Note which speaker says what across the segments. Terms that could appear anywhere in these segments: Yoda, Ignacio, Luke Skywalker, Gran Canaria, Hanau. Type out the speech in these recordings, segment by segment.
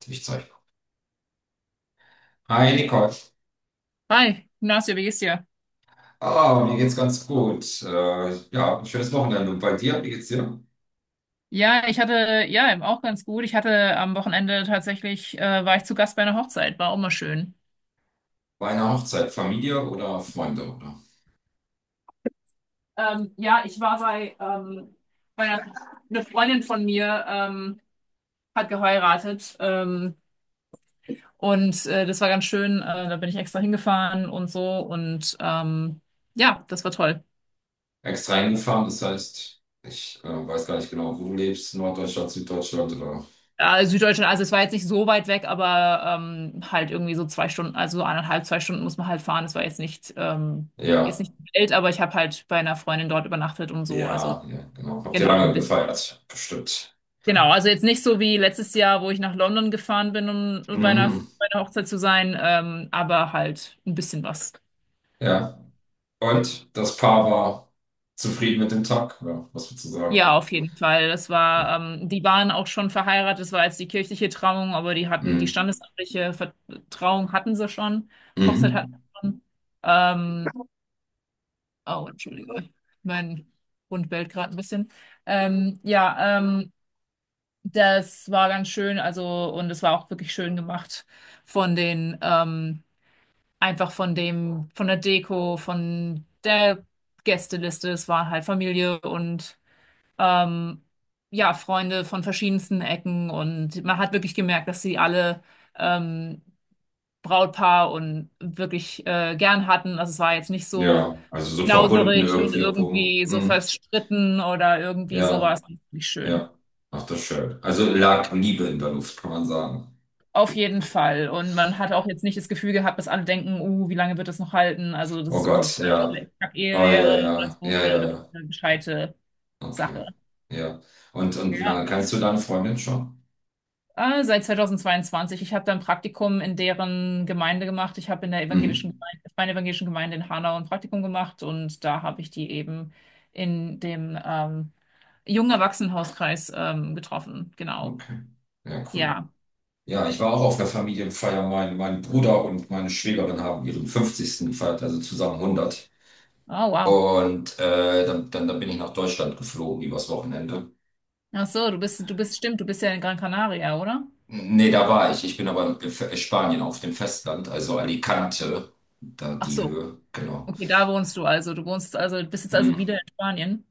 Speaker 1: Tischzeug. Hi Nicole.
Speaker 2: Hi, Ignacio, wie geht's dir?
Speaker 1: Ah, mir geht's ganz gut. Ja, ein schönes Wochenende. Und bei dir, wie geht's dir?
Speaker 2: Ja, ich hatte, ja, eben auch ganz gut. Ich hatte am Wochenende tatsächlich, war ich zu Gast bei einer Hochzeit, war auch mal schön.
Speaker 1: Bei einer Hochzeit, Familie oder Freunde, oder?
Speaker 2: Ja, ich war bei, bei einer, eine Freundin von mir, hat geheiratet, und das war ganz schön. Da bin ich extra hingefahren und so und ja, das war toll.
Speaker 1: Extra hingefahren, das heißt, ich weiß gar nicht genau, wo du lebst, Norddeutschland, Süddeutschland oder.
Speaker 2: Ja, Süddeutschland, also es war jetzt nicht so weit weg, aber halt irgendwie so 2 Stunden, also so eineinhalb, 2 Stunden muss man halt fahren. Es war jetzt
Speaker 1: Ja,
Speaker 2: nicht die Welt, aber ich habe halt bei einer Freundin dort übernachtet und so. Also
Speaker 1: ja, ja, genau. Habt ihr
Speaker 2: genau, ein
Speaker 1: lange
Speaker 2: bisschen.
Speaker 1: gefeiert? Bestimmt.
Speaker 2: Genau, also jetzt nicht so wie letztes Jahr, wo ich nach London gefahren bin, um bei einer,
Speaker 1: Mhm,
Speaker 2: bei einer Hochzeit zu sein, aber halt ein bisschen was.
Speaker 1: ja. Und das Paar war zufrieden mit dem Tag, ja, was würdest du sagen?
Speaker 2: Ja, auf jeden Fall. Das
Speaker 1: Ja.
Speaker 2: war, die waren auch schon verheiratet. Das war jetzt die kirchliche Trauung, aber die hatten die
Speaker 1: Mhm.
Speaker 2: standesamtliche Trauung hatten sie schon. Hochzeit
Speaker 1: Mhm.
Speaker 2: hatten sie schon. Ähm, oh, Entschuldigung, mein Hund bellt gerade ein bisschen. Ähm, ja, ähm, das war ganz schön. Also und es war auch wirklich schön gemacht von den einfach von dem von der Deko, von der Gästeliste. Es war halt Familie und ähm, ja, Freunde von verschiedensten Ecken und man hat wirklich gemerkt, dass sie alle ähm, Brautpaar und wirklich gern hatten. Also es war jetzt nicht so
Speaker 1: Ja, also so verbunden
Speaker 2: knauserig und
Speaker 1: irgendwie, obwohl.
Speaker 2: irgendwie so
Speaker 1: Mhm.
Speaker 2: verstritten oder irgendwie
Speaker 1: Ja.
Speaker 2: sowas. Nicht schön.
Speaker 1: Ja, ach, das ist schön. Also lag Liebe in der Luft, kann man sagen.
Speaker 2: Auf jeden Fall. Und man hat auch jetzt nicht das Gefühl gehabt, dass alle denken, wie lange wird das noch halten? Also, das
Speaker 1: Oh
Speaker 2: ist irgendwie eine
Speaker 1: Gott,
Speaker 2: total
Speaker 1: ja.
Speaker 2: schlecht
Speaker 1: Oh
Speaker 2: Ehe
Speaker 1: ja,
Speaker 2: wäre oder
Speaker 1: ja,
Speaker 2: so,
Speaker 1: ja,
Speaker 2: sondern
Speaker 1: ja,
Speaker 2: wirklich
Speaker 1: ja.
Speaker 2: eine gescheite
Speaker 1: Okay.
Speaker 2: Sache.
Speaker 1: Ja. Und wie lange
Speaker 2: Ja.
Speaker 1: kennst du deine Freundin schon?
Speaker 2: Seit 2022. Ich habe da ein Praktikum in deren Gemeinde gemacht. Ich habe in der evangelischen
Speaker 1: Mhm.
Speaker 2: Gemeinde, meiner evangelischen Gemeinde in Hanau ein Praktikum gemacht und da habe ich die eben in dem jungen Erwachsenenhauskreis getroffen. Genau.
Speaker 1: Okay. Ja, cool.
Speaker 2: Ja.
Speaker 1: Ja, ich war auch auf der Familienfeier. Mein Bruder und meine Schwägerin haben ihren fünfzigsten gefeiert, also zusammen hundert.
Speaker 2: Oh, wow.
Speaker 1: Und dann bin ich nach Deutschland geflogen übers Wochenende.
Speaker 2: Ach so, stimmt, du bist ja in Gran Canaria, oder?
Speaker 1: Nee, da war ich. Ich bin aber in Spanien auf dem Festland, also Alicante, da
Speaker 2: Ach
Speaker 1: die
Speaker 2: so.
Speaker 1: Höhe, genau.
Speaker 2: Okay, da wohnst du also. Du wohnst also, bist jetzt
Speaker 1: Hm.
Speaker 2: also wieder in Spanien.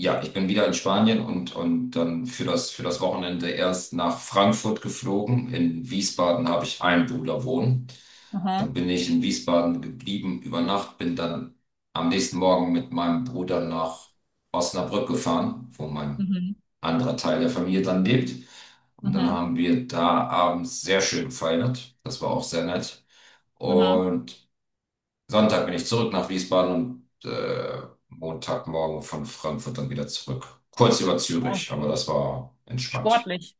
Speaker 1: Ja, ich bin wieder in Spanien und dann für das Wochenende erst nach Frankfurt geflogen. In Wiesbaden habe ich einen Bruder wohnen. Dann
Speaker 2: Aha.
Speaker 1: bin ich in Wiesbaden geblieben über Nacht, bin dann am nächsten Morgen mit meinem Bruder nach Osnabrück gefahren, wo mein
Speaker 2: Mhm.
Speaker 1: anderer Teil der Familie dann lebt. Und dann
Speaker 2: Mhm.
Speaker 1: haben wir da abends sehr schön gefeiert. Das war auch sehr nett.
Speaker 2: Mhm.
Speaker 1: Und Sonntag bin ich zurück nach Wiesbaden und Montagmorgen von Frankfurt dann wieder zurück. Kurz über
Speaker 2: Oh,
Speaker 1: Zürich, aber das war entspannt.
Speaker 2: sportlich.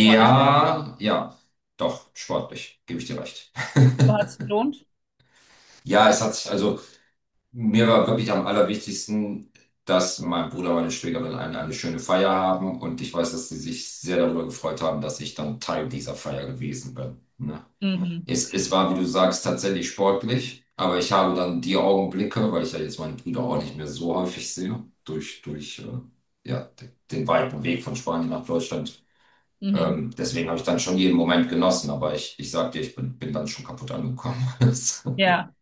Speaker 2: Sportliche,
Speaker 1: ja, doch, sportlich, gebe ich dir recht.
Speaker 2: aber hat es gelohnt?
Speaker 1: Ja, es hat sich, also mir war wirklich am allerwichtigsten, dass mein Bruder und meine Schwägerin eine schöne Feier haben und ich weiß, dass sie sich sehr darüber gefreut haben, dass ich dann Teil dieser Feier gewesen bin. Ne?
Speaker 2: Mhm.
Speaker 1: Es war, wie du sagst, tatsächlich sportlich, aber ich habe dann die Augenblicke, weil ich ja jetzt meine Brüder auch nicht mehr so häufig sehe, durch den weiten Weg von Spanien nach Deutschland.
Speaker 2: Mhm.
Speaker 1: Deswegen habe ich dann schon jeden Moment genossen, aber ich sag dir, ich bin dann schon kaputt angekommen.
Speaker 2: Ja.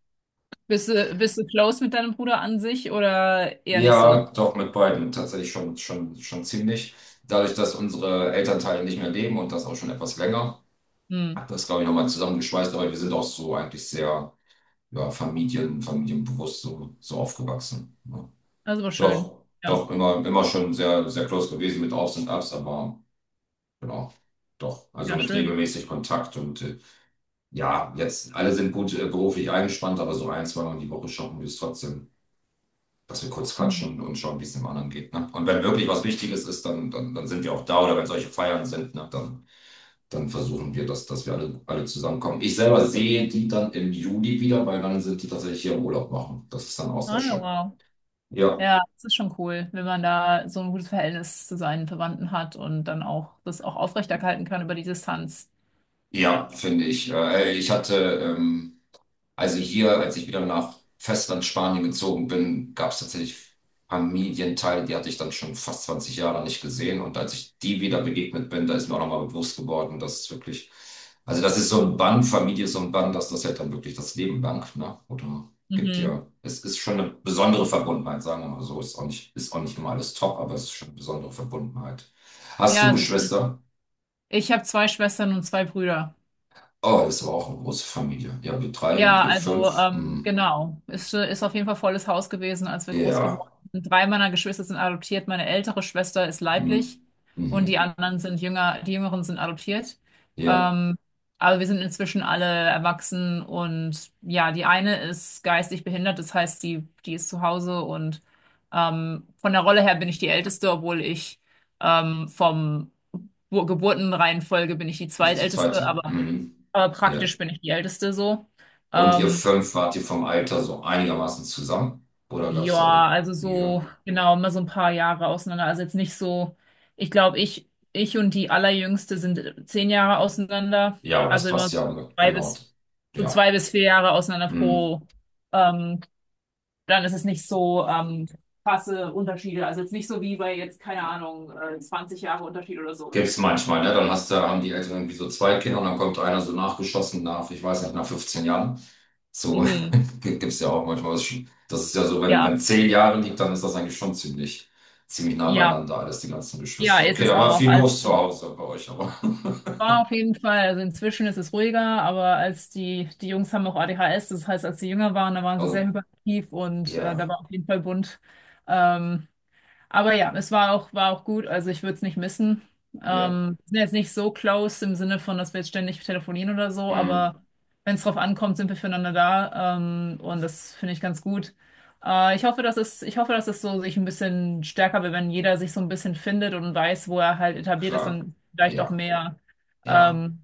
Speaker 2: Bist du close mit deinem Bruder an sich oder eher nicht so?
Speaker 1: Ja, doch mit beiden tatsächlich schon, schon, schon ziemlich. Dadurch, dass unsere Elternteile nicht mehr leben und das auch schon etwas länger,
Speaker 2: Hm.
Speaker 1: hat das, glaube ich, nochmal zusammengeschweißt, aber wir sind auch so eigentlich sehr. Ja, Familien, familienbewusst so, so aufgewachsen. Ja.
Speaker 2: Also war schön.
Speaker 1: Doch,
Speaker 2: Ja.
Speaker 1: doch, immer, immer schon sehr, sehr close gewesen mit Aufs und Abs, aber genau, doch. Also
Speaker 2: Ja,
Speaker 1: mit
Speaker 2: schön.
Speaker 1: regelmäßig Kontakt und ja, jetzt alle sind gut beruflich eingespannt, aber so ein, zweimal die Woche schaffen wir es trotzdem, dass wir kurz
Speaker 2: Mhm.
Speaker 1: quatschen und schauen, wie es dem anderen geht. Ne? Und wenn wirklich was Wichtiges ist, dann sind wir auch da oder wenn solche Feiern sind, ne, dann, dann versuchen wir, dass wir alle, alle zusammenkommen. Ich selber sehe die dann im Juli wieder, weil dann sind die tatsächlich hier im Urlaub machen. Das ist dann auch sehr
Speaker 2: Ah, ja,
Speaker 1: schön.
Speaker 2: wow.
Speaker 1: Ja,
Speaker 2: Ja, das ist schon cool, wenn man da so ein gutes Verhältnis zu seinen Verwandten hat und dann auch das auch aufrechterhalten kann über die Distanz.
Speaker 1: ja, finde ich. Hey, ähm, also hier, als ich wieder nach Festland Spanien gezogen bin, gab es tatsächlich Familienteile, die hatte ich dann schon fast 20 Jahre nicht gesehen. Und als ich die wieder begegnet bin, da ist mir auch nochmal bewusst geworden, dass es wirklich, also das ist so ein Band, Familie ist so ein Band, dass das halt dann wirklich das Leben lang, ne? Oder gibt
Speaker 2: Mhm.
Speaker 1: ja, es ist schon eine besondere Verbundenheit, sagen wir mal so. Ist auch nicht immer alles top, aber es ist schon eine besondere Verbundenheit. Hast
Speaker 2: Ja,
Speaker 1: du
Speaker 2: also
Speaker 1: Geschwister?
Speaker 2: ich habe zwei Schwestern und zwei Brüder.
Speaker 1: Oh, es war auch eine große Familie. Ja, wir drei und
Speaker 2: Ja,
Speaker 1: ihr
Speaker 2: also
Speaker 1: fünf. Mhm.
Speaker 2: genau. Ist auf jeden Fall volles Haus gewesen, als wir groß geworden
Speaker 1: Ja.
Speaker 2: sind. Drei meiner Geschwister sind adoptiert. Meine ältere Schwester ist
Speaker 1: Mhm.
Speaker 2: leiblich und die
Speaker 1: Mhm.
Speaker 2: anderen sind jünger, die Jüngeren sind adoptiert.
Speaker 1: Ja.
Speaker 2: Ähm, aber wir sind inzwischen alle erwachsen und ja, die eine ist geistig behindert, das heißt, die ist zu Hause und von der Rolle her bin ich die Älteste, obwohl ich vom Geburtenreihenfolge bin ich die
Speaker 1: Du bist die
Speaker 2: Zweitälteste,
Speaker 1: zweite. Mhm.
Speaker 2: aber
Speaker 1: Ja.
Speaker 2: praktisch bin ich die Älteste so.
Speaker 1: Und ihr
Speaker 2: Ähm,
Speaker 1: fünf wart ihr vom Alter so einigermaßen zusammen? Oder gab es da irgendwie?
Speaker 2: ja, also
Speaker 1: Ja.
Speaker 2: so, genau, immer so ein paar Jahre auseinander. Also jetzt nicht so, ich glaube, ich und die Allerjüngste sind 10 Jahre auseinander.
Speaker 1: Ja, aber das
Speaker 2: Also immer
Speaker 1: passt ja
Speaker 2: zwei
Speaker 1: genau.
Speaker 2: bis, so zwei
Speaker 1: Ja.
Speaker 2: bis vier Jahre auseinander
Speaker 1: Mhm.
Speaker 2: pro. Ähm, dann ist es nicht so krasse Unterschiede. Also jetzt nicht so wie bei jetzt, keine Ahnung, 20 Jahre Unterschied oder so.
Speaker 1: Gibt's manchmal, ne? Dann hast du, haben die Eltern irgendwie so zwei Kinder und dann kommt einer so nachgeschossen nach, ich weiß nicht, nach 15 Jahren. So
Speaker 2: Mhm.
Speaker 1: gibt es ja auch manchmal. Das ist schon- das ist ja so, wenn,
Speaker 2: Ja,
Speaker 1: wenn zehn Jahre liegt, dann ist das eigentlich schon ziemlich, ziemlich nah
Speaker 2: ja,
Speaker 1: beieinander, alles die ganzen
Speaker 2: ja,
Speaker 1: Geschwister.
Speaker 2: ist
Speaker 1: Okay,
Speaker 2: es
Speaker 1: da war
Speaker 2: auch.
Speaker 1: viel
Speaker 2: Also
Speaker 1: los zu Hause bei euch, aber.
Speaker 2: ja, auf jeden Fall. Also inzwischen ist es ruhiger, aber als die Jungs haben auch ADHS, das heißt, als sie jünger waren, da waren sie sehr
Speaker 1: Oh,
Speaker 2: hyperaktiv und da
Speaker 1: ja,
Speaker 2: war auf jeden Fall bunt. Ähm, aber ja, war auch gut. Also ich würde es nicht missen.
Speaker 1: ja,
Speaker 2: Wir sind jetzt nicht so close im Sinne von, dass wir jetzt ständig telefonieren oder so,
Speaker 1: mm,
Speaker 2: aber wenn es drauf ankommt, sind wir füreinander da. Und das finde ich ganz gut. Ich hoffe, dass es so sich ein bisschen stärker wird, wenn jeder sich so ein bisschen findet und weiß, wo er halt etabliert ist,
Speaker 1: klar,
Speaker 2: dann vielleicht auch
Speaker 1: ja,
Speaker 2: mehr
Speaker 1: ja,
Speaker 2: ähm,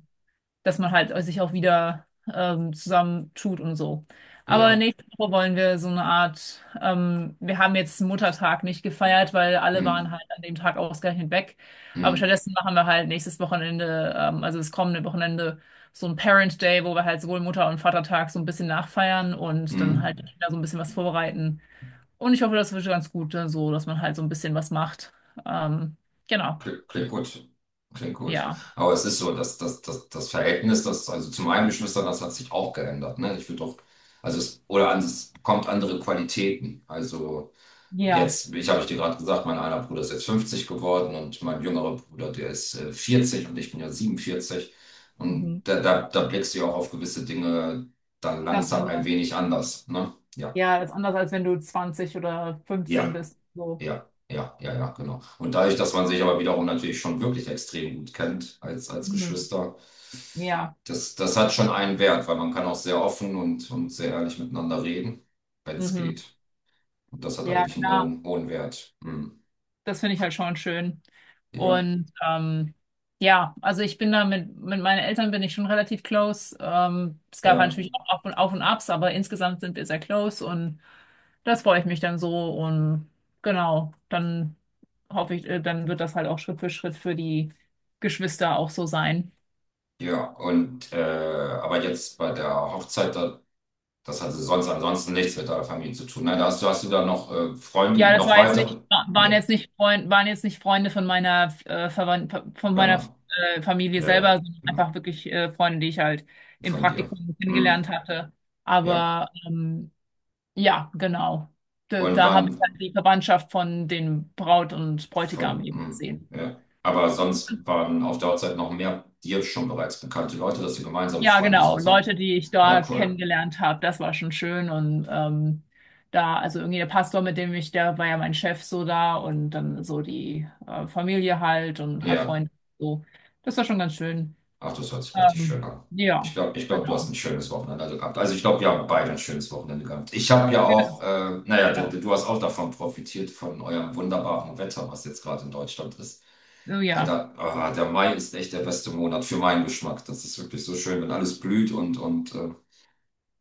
Speaker 2: dass man halt sich auch wieder zusammentut und so. Aber
Speaker 1: ja,
Speaker 2: nächste Woche wollen wir so eine Art, wir haben jetzt Muttertag nicht gefeiert, weil alle waren
Speaker 1: mm,
Speaker 2: halt an dem Tag ausgerechnet weg. Aber
Speaker 1: mm,
Speaker 2: stattdessen machen wir halt nächstes Wochenende, also das kommende Wochenende, so ein Parent Day, wo wir halt sowohl Mutter- und Vatertag so ein bisschen nachfeiern und dann halt
Speaker 1: mm.
Speaker 2: wieder so ein bisschen was vorbereiten. Und ich hoffe, das wird ganz gut, so, dass man halt so ein bisschen was macht. Ähm, genau.
Speaker 1: Klingt, klingt gut. Klingt gut.
Speaker 2: Ja.
Speaker 1: Aber es ist so, dass das, das Verhältnis, das, also zu meinen Geschwistern, das hat sich auch geändert. Ne? Ich würde doch, also es, oder an, es kommt andere Qualitäten. Also
Speaker 2: Ja.
Speaker 1: jetzt, ich habe ich dir gerade gesagt, mein einer Bruder ist jetzt 50 geworden und mein jüngerer Bruder, der ist 40 und ich bin ja 47. Und
Speaker 2: Mhm.
Speaker 1: da blickst du ja auch auf gewisse Dinge dann
Speaker 2: Ganz
Speaker 1: langsam ein
Speaker 2: anders.
Speaker 1: wenig anders. Ne? Ja.
Speaker 2: Ja, das ist anders, als wenn du 20 oder 15
Speaker 1: Ja.
Speaker 2: bist. So.
Speaker 1: Ja, ja, ja, ja, genau. Und dadurch, dass man sich aber wiederum natürlich schon wirklich extrem gut kennt als, als
Speaker 2: Mhm.
Speaker 1: Geschwister,
Speaker 2: Ja,
Speaker 1: das hat schon einen Wert, weil man kann auch sehr offen und sehr ehrlich miteinander reden, wenn es
Speaker 2: mhm.
Speaker 1: geht. Und das hat
Speaker 2: Ja,
Speaker 1: eigentlich einen
Speaker 2: klar.
Speaker 1: hohen, hohen Wert. Hm.
Speaker 2: Das finde ich halt schon schön.
Speaker 1: Ja,
Speaker 2: Und ja, also ich bin da mit meinen Eltern bin ich schon relativ close. Es gab halt
Speaker 1: ja,
Speaker 2: natürlich auch Auf und Abs, aber insgesamt sind wir sehr close und das freue ich mich dann so. Und genau, dann hoffe ich, dann wird das halt auch Schritt für die Geschwister auch so sein.
Speaker 1: ja. Aber jetzt bei der Hochzeit, da, das hatte sonst ansonsten nichts mit deiner Familie zu tun. Nein, da hast du, hast du da noch Freunde,
Speaker 2: Ja, das
Speaker 1: noch
Speaker 2: war jetzt
Speaker 1: weitere?
Speaker 2: nicht,
Speaker 1: Nee,
Speaker 2: waren jetzt nicht Freunde von meiner von meiner
Speaker 1: genau.
Speaker 2: Familie
Speaker 1: Ja,
Speaker 2: selber,
Speaker 1: ja,
Speaker 2: sondern
Speaker 1: genau.
Speaker 2: einfach wirklich Freunde, die ich halt im
Speaker 1: Von dir.
Speaker 2: Praktikum
Speaker 1: Hm.
Speaker 2: kennengelernt hatte.
Speaker 1: Ja.
Speaker 2: Aber ja, genau.
Speaker 1: Und
Speaker 2: Da habe ich halt
Speaker 1: waren
Speaker 2: die Verwandtschaft von den Braut und Bräutigam
Speaker 1: von,
Speaker 2: eben
Speaker 1: hm,
Speaker 2: gesehen.
Speaker 1: ja. Aber sonst waren auf der Hochzeit noch mehr dir schon bereits bekannte Leute, dass sie gemeinsame
Speaker 2: Ja,
Speaker 1: Freunde
Speaker 2: genau.
Speaker 1: sonst noch.
Speaker 2: Leute, die ich
Speaker 1: Oh,
Speaker 2: da
Speaker 1: cool.
Speaker 2: kennengelernt habe, das war schon schön. Und also irgendwie der Pastor, der war ja mein Chef so da und dann so die Familie halt und ein paar
Speaker 1: Ja.
Speaker 2: Freunde. So. Das war schon ganz schön.
Speaker 1: Ach, das hört sich richtig schön
Speaker 2: Ähm,
Speaker 1: an. Ich
Speaker 2: ja,
Speaker 1: glaube, ich glaub, du hast
Speaker 2: genau.
Speaker 1: ein schönes Wochenende gehabt. Also ich glaube, wir haben beide ein schönes Wochenende gehabt. Ich habe ja
Speaker 2: Ja,
Speaker 1: auch,
Speaker 2: das-
Speaker 1: naja, du,
Speaker 2: genau.
Speaker 1: du hast auch davon profitiert, von eurem wunderbaren Wetter, was jetzt gerade in Deutschland ist.
Speaker 2: Oh,
Speaker 1: Ey,
Speaker 2: ja.
Speaker 1: da, ah, der Mai ist echt der beste Monat für meinen Geschmack. Das ist wirklich so schön, wenn alles blüht und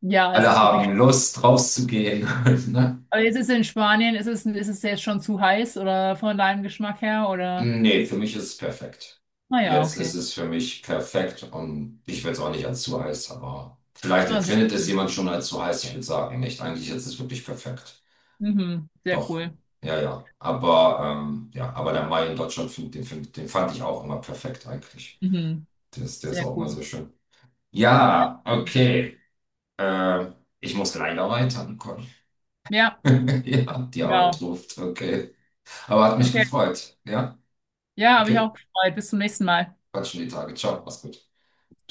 Speaker 2: Ja, es
Speaker 1: alle
Speaker 2: ist wirklich.
Speaker 1: haben Lust, rauszugehen. Ne?
Speaker 2: Aber ist es jetzt schon zu heiß oder von deinem Geschmack her? Oder?
Speaker 1: Nee, für mich ist es perfekt.
Speaker 2: Naja,
Speaker 1: Jetzt ist
Speaker 2: okay.
Speaker 1: es für mich perfekt und ich will es auch nicht als zu heiß, aber vielleicht
Speaker 2: Na, sehr
Speaker 1: empfindet es
Speaker 2: cool.
Speaker 1: jemand schon als zu heiß. Ich würde sagen, nicht. Eigentlich ist es wirklich perfekt.
Speaker 2: Mhm, sehr
Speaker 1: Doch,
Speaker 2: cool.
Speaker 1: ja, ja. Aber der Mai in Deutschland, find- den fand ich auch immer perfekt eigentlich.
Speaker 2: Mhm,
Speaker 1: Der ist
Speaker 2: sehr
Speaker 1: auch immer sehr
Speaker 2: cool.
Speaker 1: schön.
Speaker 2: Ja,
Speaker 1: Ja,
Speaker 2: natürlich.
Speaker 1: okay. Ähm, Ich muss leider weiter, Nicole.
Speaker 2: Ja.
Speaker 1: Ja, die Arbeit
Speaker 2: Genau.
Speaker 1: ruft. Okay. Aber hat mich
Speaker 2: Okay.
Speaker 1: gefreut. Ja.
Speaker 2: Ja, habe ich
Speaker 1: Okay,
Speaker 2: auch gefreut. Bis zum nächsten Mal.
Speaker 1: quatschen die Tage. Ciao, mach's gut.